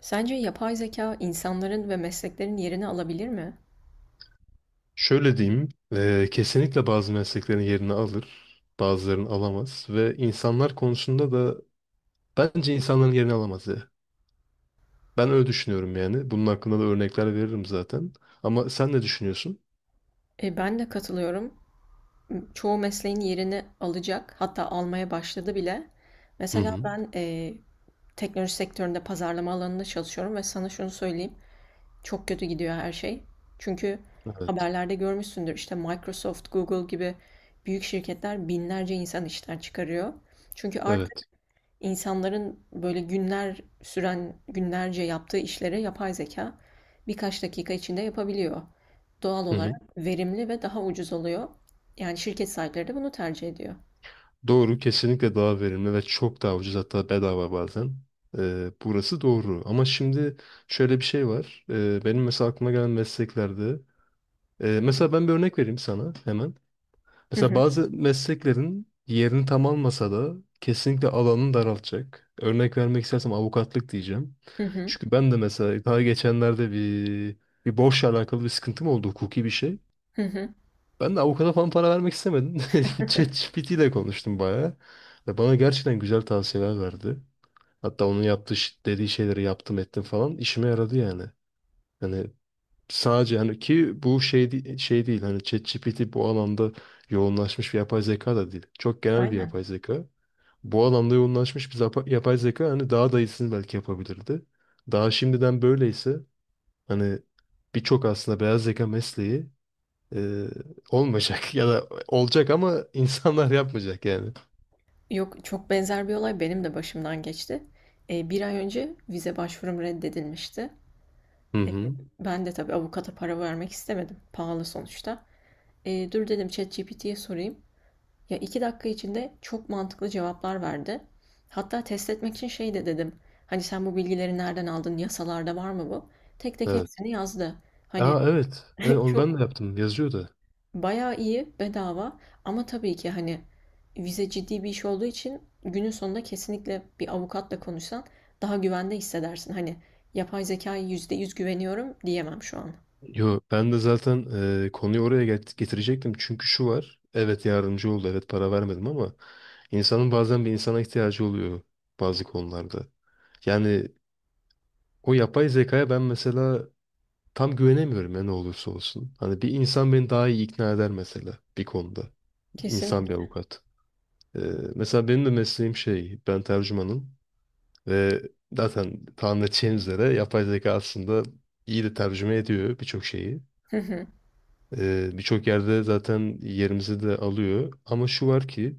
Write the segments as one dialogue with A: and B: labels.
A: Sence yapay zeka insanların ve mesleklerin yerini alabilir mi?
B: Şöyle diyeyim, kesinlikle bazı mesleklerin yerini alır, bazılarını alamaz ve insanlar konusunda da bence insanların yerini alamaz ya. Ben öyle düşünüyorum yani. Bunun hakkında da örnekler veririm zaten. Ama sen ne düşünüyorsun?
A: Ben de katılıyorum. Çoğu mesleğin yerini alacak, hatta almaya başladı bile.
B: Hı
A: Mesela
B: hı.
A: ben teknoloji sektöründe pazarlama alanında çalışıyorum ve sana şunu söyleyeyim. Çok kötü gidiyor her şey. Çünkü
B: Evet.
A: haberlerde görmüşsündür işte Microsoft, Google gibi büyük şirketler binlerce insan işten çıkarıyor. Çünkü artık
B: Evet.
A: İnsanların böyle günler süren, günlerce yaptığı işlere yapay zeka birkaç dakika içinde yapabiliyor. Doğal
B: Hı hı.
A: olarak verimli ve daha ucuz oluyor. Yani şirket sahipleri de bunu tercih ediyor.
B: Doğru, kesinlikle daha verimli ve çok daha ucuz hatta bedava bazen. Burası doğru. Ama şimdi şöyle bir şey var. Benim mesela aklıma gelen mesleklerde, mesela ben bir örnek vereyim sana hemen.
A: Hı
B: Mesela
A: hı,
B: bazı mesleklerin yerini tam almasa da kesinlikle alanını daraltacak. Örnek vermek istersem avukatlık diyeceğim.
A: hı hı,
B: Çünkü ben de mesela daha geçenlerde bir borçla alakalı bir sıkıntım oldu, hukuki bir şey.
A: hı hı.
B: Ben de avukata falan para vermek istemedim. ChatGPT ile konuştum bayağı. Ve bana gerçekten güzel tavsiyeler verdi. Hatta onun yaptığı dediği şeyleri yaptım ettim falan, işime yaradı yani. Yani, sadece hani ki bu şey, şey değil, hani ChatGPT bu alanda yoğunlaşmış bir yapay zeka da değil. Çok genel bir
A: Aynen.
B: yapay zeka. Bu alanda yoğunlaşmış bir yapay zeka hani daha da iyisini belki yapabilirdi. Daha şimdiden böyleyse hani birçok aslında beyaz zeka mesleği e, olmayacak ya da olacak ama insanlar yapmayacak yani.
A: Yok, çok benzer bir olay benim de başımdan geçti. Bir ay önce vize başvurum reddedilmişti.
B: Hı hı.
A: Ben de tabii avukata para vermek istemedim. Pahalı sonuçta. Dur dedim ChatGPT'ye sorayım. Ya 2 dakika içinde çok mantıklı cevaplar verdi. Hatta test etmek için şey de dedim. Hani sen bu bilgileri nereden aldın? Yasalarda var mı bu? Tek tek
B: Evet.
A: hepsini yazdı. Hani
B: Aa, evet. Evet, onu ben de
A: çok
B: yaptım. Yazıyordu.
A: bayağı iyi bedava, ama tabii ki hani vize ciddi bir iş olduğu için günün sonunda kesinlikle bir avukatla konuşsan daha güvende hissedersin. Hani yapay zekaya %100 güveniyorum diyemem şu an.
B: Yo, ben de zaten konuyu oraya getirecektim. Çünkü şu var. Evet, yardımcı oldu. Evet, para vermedim ama insanın bazen bir insana ihtiyacı oluyor bazı konularda. Yani o yapay zekaya ben mesela tam güvenemiyorum ya, ne olursa olsun. Hani bir insan beni daha iyi ikna eder mesela bir konuda. İnsan bir
A: Kesinlikle.
B: avukat. E, mesela benim de mesleğim şey, ben tercümanım ve zaten tahmin edeceğiniz üzere yapay zeka aslında iyi de tercüme ediyor birçok şeyi. Birçok yerde zaten yerimizi de alıyor. Ama şu var ki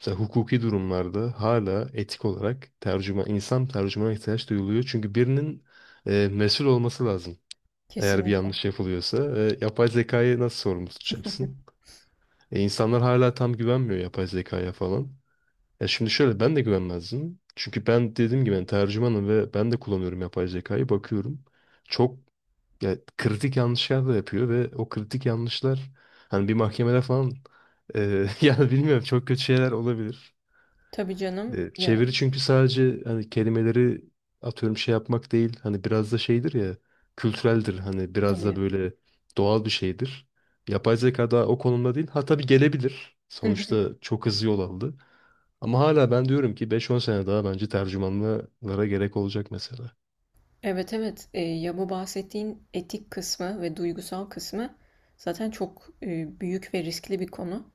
B: mesela hukuki durumlarda hala etik olarak insan tercümana ihtiyaç duyuluyor. Çünkü birinin mesul olması lazım. Eğer bir
A: Kesinlikle.
B: yanlış yapılıyorsa. E, yapay zekayı nasıl sorumlu tutacaksın? E, insanlar hala tam güvenmiyor yapay zekaya falan. Ya şimdi şöyle, ben de güvenmezdim. Çünkü ben dediğim gibi ben tercümanım ve ben de kullanıyorum yapay zekayı. Bakıyorum. Çok ya, kritik yanlışlar da yapıyor ve o kritik yanlışlar hani bir mahkemede falan yani bilmiyorum, çok kötü şeyler olabilir.
A: Tabii canım
B: E,
A: ya,
B: çeviri çünkü sadece hani kelimeleri atıyorum şey yapmak değil, hani biraz da şeydir ya, kültüreldir, hani biraz da
A: tabii.
B: böyle doğal bir şeydir. Yapay zeka da o konumda değil. Ha, tabii gelebilir. Sonuçta çok hızlı yol aldı. Ama hala ben diyorum ki 5-10 sene daha bence tercümanlara gerek olacak mesela.
A: Evet, evet. Ya bu bahsettiğin etik kısmı ve duygusal kısmı zaten çok büyük ve riskli bir konu.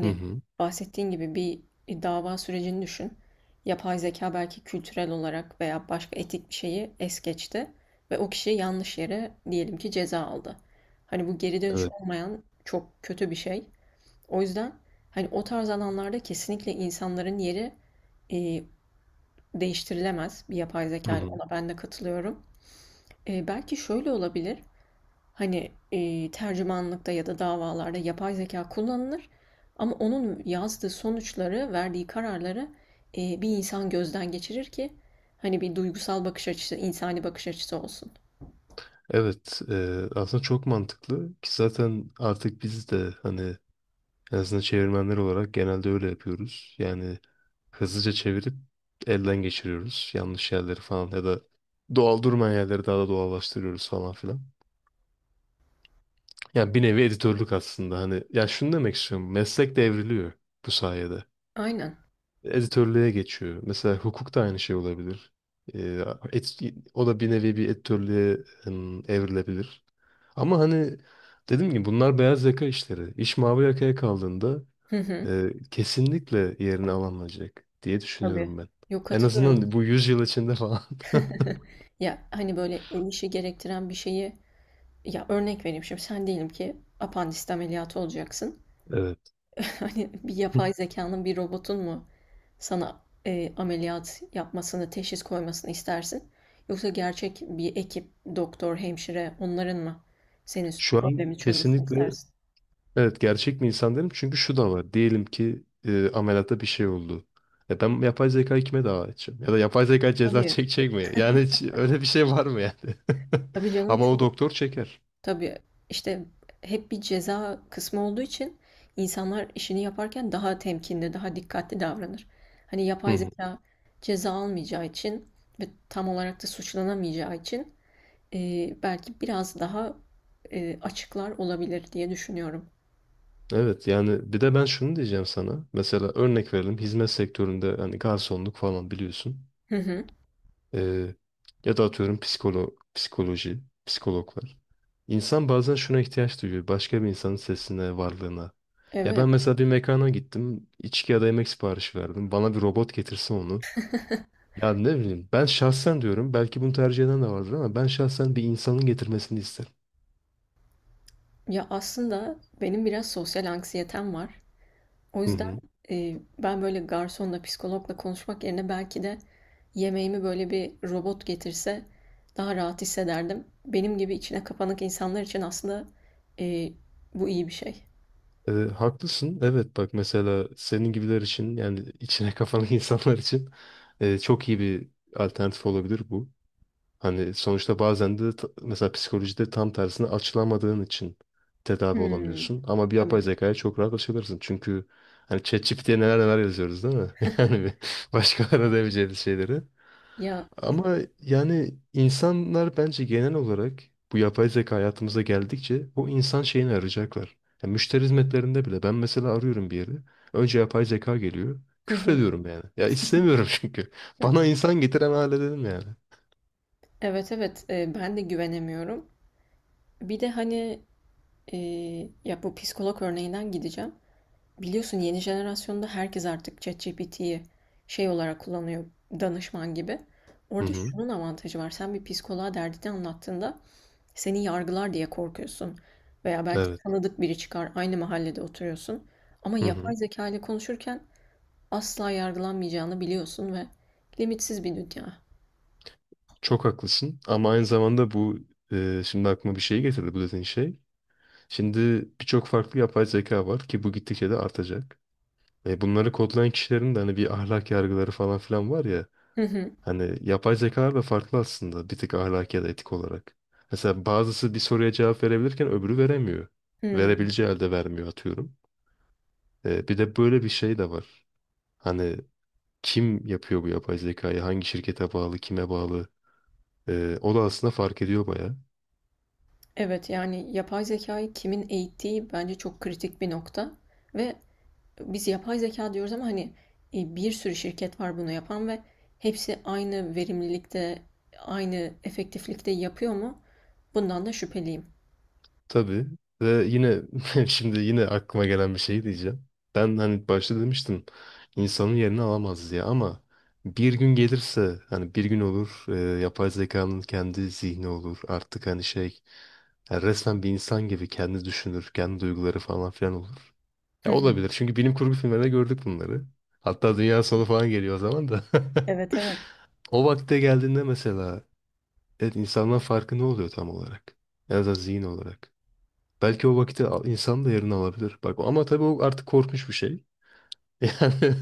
B: Hı hı.
A: bahsettiğin gibi bir dava sürecini düşün. Yapay zeka belki kültürel olarak veya başka etik bir şeyi es geçti ve o kişi yanlış yere diyelim ki ceza aldı. Hani bu geri dönüş
B: Evet.
A: olmayan çok kötü bir şey. O yüzden hani o tarz alanlarda kesinlikle insanların yeri e, değiştirilemez bir yapay
B: Hı
A: zeka ile.
B: hı.
A: Ona ben de katılıyorum. Belki şöyle olabilir. Hani, tercümanlıkta ya da davalarda yapay zeka kullanılır, ama onun yazdığı sonuçları, verdiği kararları, bir insan gözden geçirir ki hani bir duygusal bakış açısı, insani bakış açısı olsun.
B: Evet, aslında çok mantıklı ki zaten artık biz de hani en azından çevirmenler olarak genelde öyle yapıyoruz. Yani hızlıca çevirip elden geçiriyoruz yanlış yerleri falan, ya da doğal durmayan yerleri daha da doğallaştırıyoruz falan filan. Yani bir nevi editörlük aslında, hani ya şunu demek istiyorum, meslek devriliyor bu sayede,
A: Aynen.
B: editörlüğe geçiyor. Mesela hukuk da aynı şey olabilir. Ee, et- o da bir nevi bir editörlüğe evrilebilir. Ama hani dedim ki bunlar beyaz yaka işleri. İş mavi yakaya kaldığında
A: Hı hı.
B: kesinlikle yerini alamayacak diye düşünüyorum
A: Tabii.
B: ben.
A: Yok,
B: En
A: katılıyorum.
B: azından bu 100 yıl içinde falan.
A: Ya, hani, böyle el işi gerektiren bir şeyi... Ya, örnek vereyim şimdi. Sen diyelim ki apandisit ameliyatı olacaksın.
B: Evet.
A: Hani bir yapay zekanın, bir robotun mu sana ameliyat yapmasını, teşhis koymasını istersin? Yoksa gerçek bir ekip, doktor, hemşire, onların mı senin
B: Şu an
A: problemi çözmesini
B: kesinlikle.
A: istersin?
B: Evet, gerçek mi insan derim çünkü şu da var. Diyelim ki ameliyatta bir şey oldu. E ben yapay zekayı kime dava edeceğim? Ya da yapay zeka ceza
A: Tabii,
B: çekecek mi? Yani hiç öyle bir şey var mı yani?
A: tabii canım,
B: Ama o
A: çok.
B: doktor çeker.
A: Tabii işte hep bir ceza kısmı olduğu için insanlar işini yaparken daha temkinli, daha dikkatli davranır. Hani
B: Hı
A: yapay
B: hı.
A: zeka ceza almayacağı için ve tam olarak da suçlanamayacağı için belki biraz daha, açıklar olabilir diye düşünüyorum.
B: Evet, yani bir de ben şunu diyeceğim sana. Mesela örnek verelim, hizmet sektöründe hani garsonluk falan biliyorsun.
A: Hı hı.
B: Ee, ya da atıyorum psikoloji, psikologlar. İnsan bazen şuna ihtiyaç duyuyor. Başka bir insanın sesine, varlığına. Ya ben
A: Evet.
B: mesela bir mekana gittim, içki ya da yemek siparişi verdim. Bana bir robot getirse onu. Ya ne bileyim. Ben şahsen diyorum. Belki bunu tercih eden de vardır ama ben şahsen bir insanın getirmesini isterim.
A: Ya, aslında benim biraz sosyal anksiyetem var. O
B: Hı
A: yüzden,
B: hı.
A: ben böyle garsonla, psikologla konuşmak yerine belki de yemeğimi böyle bir robot getirse daha rahat hissederdim. Benim gibi içine kapanık insanlar için aslında, eee, bu iyi bir şey.
B: Haklısın. Evet, bak mesela senin gibiler için, yani içine kafalı insanlar için çok iyi bir alternatif olabilir bu. Hani sonuçta bazen de mesela psikolojide tam tersine açılamadığın için tedavi
A: Hımm.
B: olamıyorsun. Ama bir
A: Tabii.
B: yapay zekaya çok rahat açılırsın. Çünkü hani ChatGPT'ye neler neler yazıyoruz değil mi? Yani bir, başkalarına demeyeceğimiz şeyleri.
A: Ya.
B: Ama yani insanlar bence genel olarak bu yapay zeka hayatımıza geldikçe o insan şeyini arayacaklar. Yani müşteri hizmetlerinde bile ben mesela arıyorum bir yeri. Önce yapay zeka geliyor. Küfrediyorum yani. Ya istemiyorum çünkü. Bana insan getiren hale dedim yani.
A: Evet, evet. Ben de güvenemiyorum. Bir de, hani, Ee, ya bu psikolog örneğinden gideceğim. Biliyorsun yeni jenerasyonda herkes artık ChatGPT'yi şey olarak kullanıyor, danışman gibi.
B: Hı
A: Orada
B: hı.
A: şunun avantajı var. Sen bir psikoloğa derdini anlattığında seni yargılar diye korkuyorsun. Veya belki
B: Evet.
A: tanıdık biri çıkar, aynı mahallede oturuyorsun. Ama
B: Hı hı.
A: yapay zeka ile konuşurken asla yargılanmayacağını biliyorsun ve limitsiz bir dünya.
B: Çok haklısın ama aynı zamanda bu şimdi aklıma bir şey getirdi, bu dediğin şey. Şimdi birçok farklı yapay zeka var ki bu gittikçe de artacak. E, bunları kodlayan kişilerin de hani bir ahlak yargıları falan filan var ya.
A: Hı hı.
B: Hani yapay zekalar da farklı aslında, bir tık, ahlaki ya da etik olarak. Mesela bazısı bir soruya cevap verebilirken öbürü veremiyor.
A: Hmm.
B: Verebileceği halde vermiyor atıyorum. E, bir de böyle bir şey de var. Hani kim yapıyor bu yapay zekayı? Hangi şirkete bağlı? Kime bağlı? O da aslında fark ediyor baya.
A: Evet, yani yapay zekayı kimin eğittiği bence çok kritik bir nokta. Ve biz yapay zeka diyoruz, ama hani bir sürü şirket var bunu yapan ve hepsi aynı verimlilikte, aynı efektiflikte yapıyor mu? Bundan da şüpheliyim.
B: Tabii. Ve yine şimdi yine aklıma gelen bir şey diyeceğim. Ben hani başta demiştim insanın yerini alamaz diye, ama bir gün gelirse, hani bir gün olur yapay zekanın kendi zihni olur artık, hani şey. Yani resmen bir insan gibi kendi düşünür, kendi duyguları falan filan olur.
A: Hı
B: Ya,
A: hı.
B: olabilir. Çünkü bilim kurgu filmlerinde gördük bunları. Hatta dünya sonu falan geliyor o zaman da.
A: Evet, evet.
B: O vakte geldiğinde mesela, evet, insandan farkı ne oluyor tam olarak? En azından zihin olarak. Belki o vakti insan da yerini alabilir. Bak ama tabii o artık korkmuş bir şey. Yani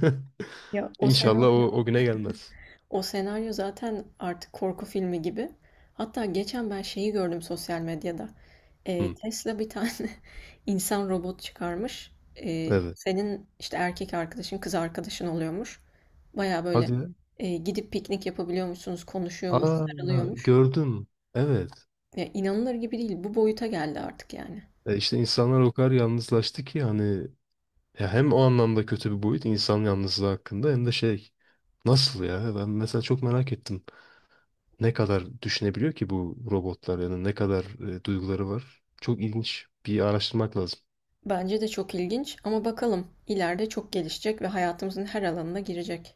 A: Ya o
B: inşallah
A: senaryo
B: o güne gelmez.
A: O senaryo zaten artık korku filmi gibi. Hatta geçen ben şeyi gördüm sosyal medyada.
B: Hı,
A: Tesla bir tane insan robot çıkarmış.
B: evet.
A: Senin işte erkek arkadaşın, kız arkadaşın oluyormuş. Baya böyle
B: Hadi ya.
A: gidip piknik yapabiliyormuşsunuz, konuşuyormuş,
B: Aa,
A: sarılıyormuş.
B: gördüm. Evet.
A: Ya, inanılır gibi değil. Bu boyuta geldi artık yani.
B: E işte insanlar o kadar yalnızlaştı ki, hani. Ya hem o anlamda kötü bir boyut, insan yalnızlığı hakkında, hem de şey, nasıl ya, ben mesela çok merak ettim. Ne kadar düşünebiliyor ki bu robotlar, yani ne kadar duyguları var? Çok ilginç, bir araştırmak lazım.
A: Bence de çok ilginç, ama bakalım ileride çok gelişecek ve hayatımızın her alanına girecek.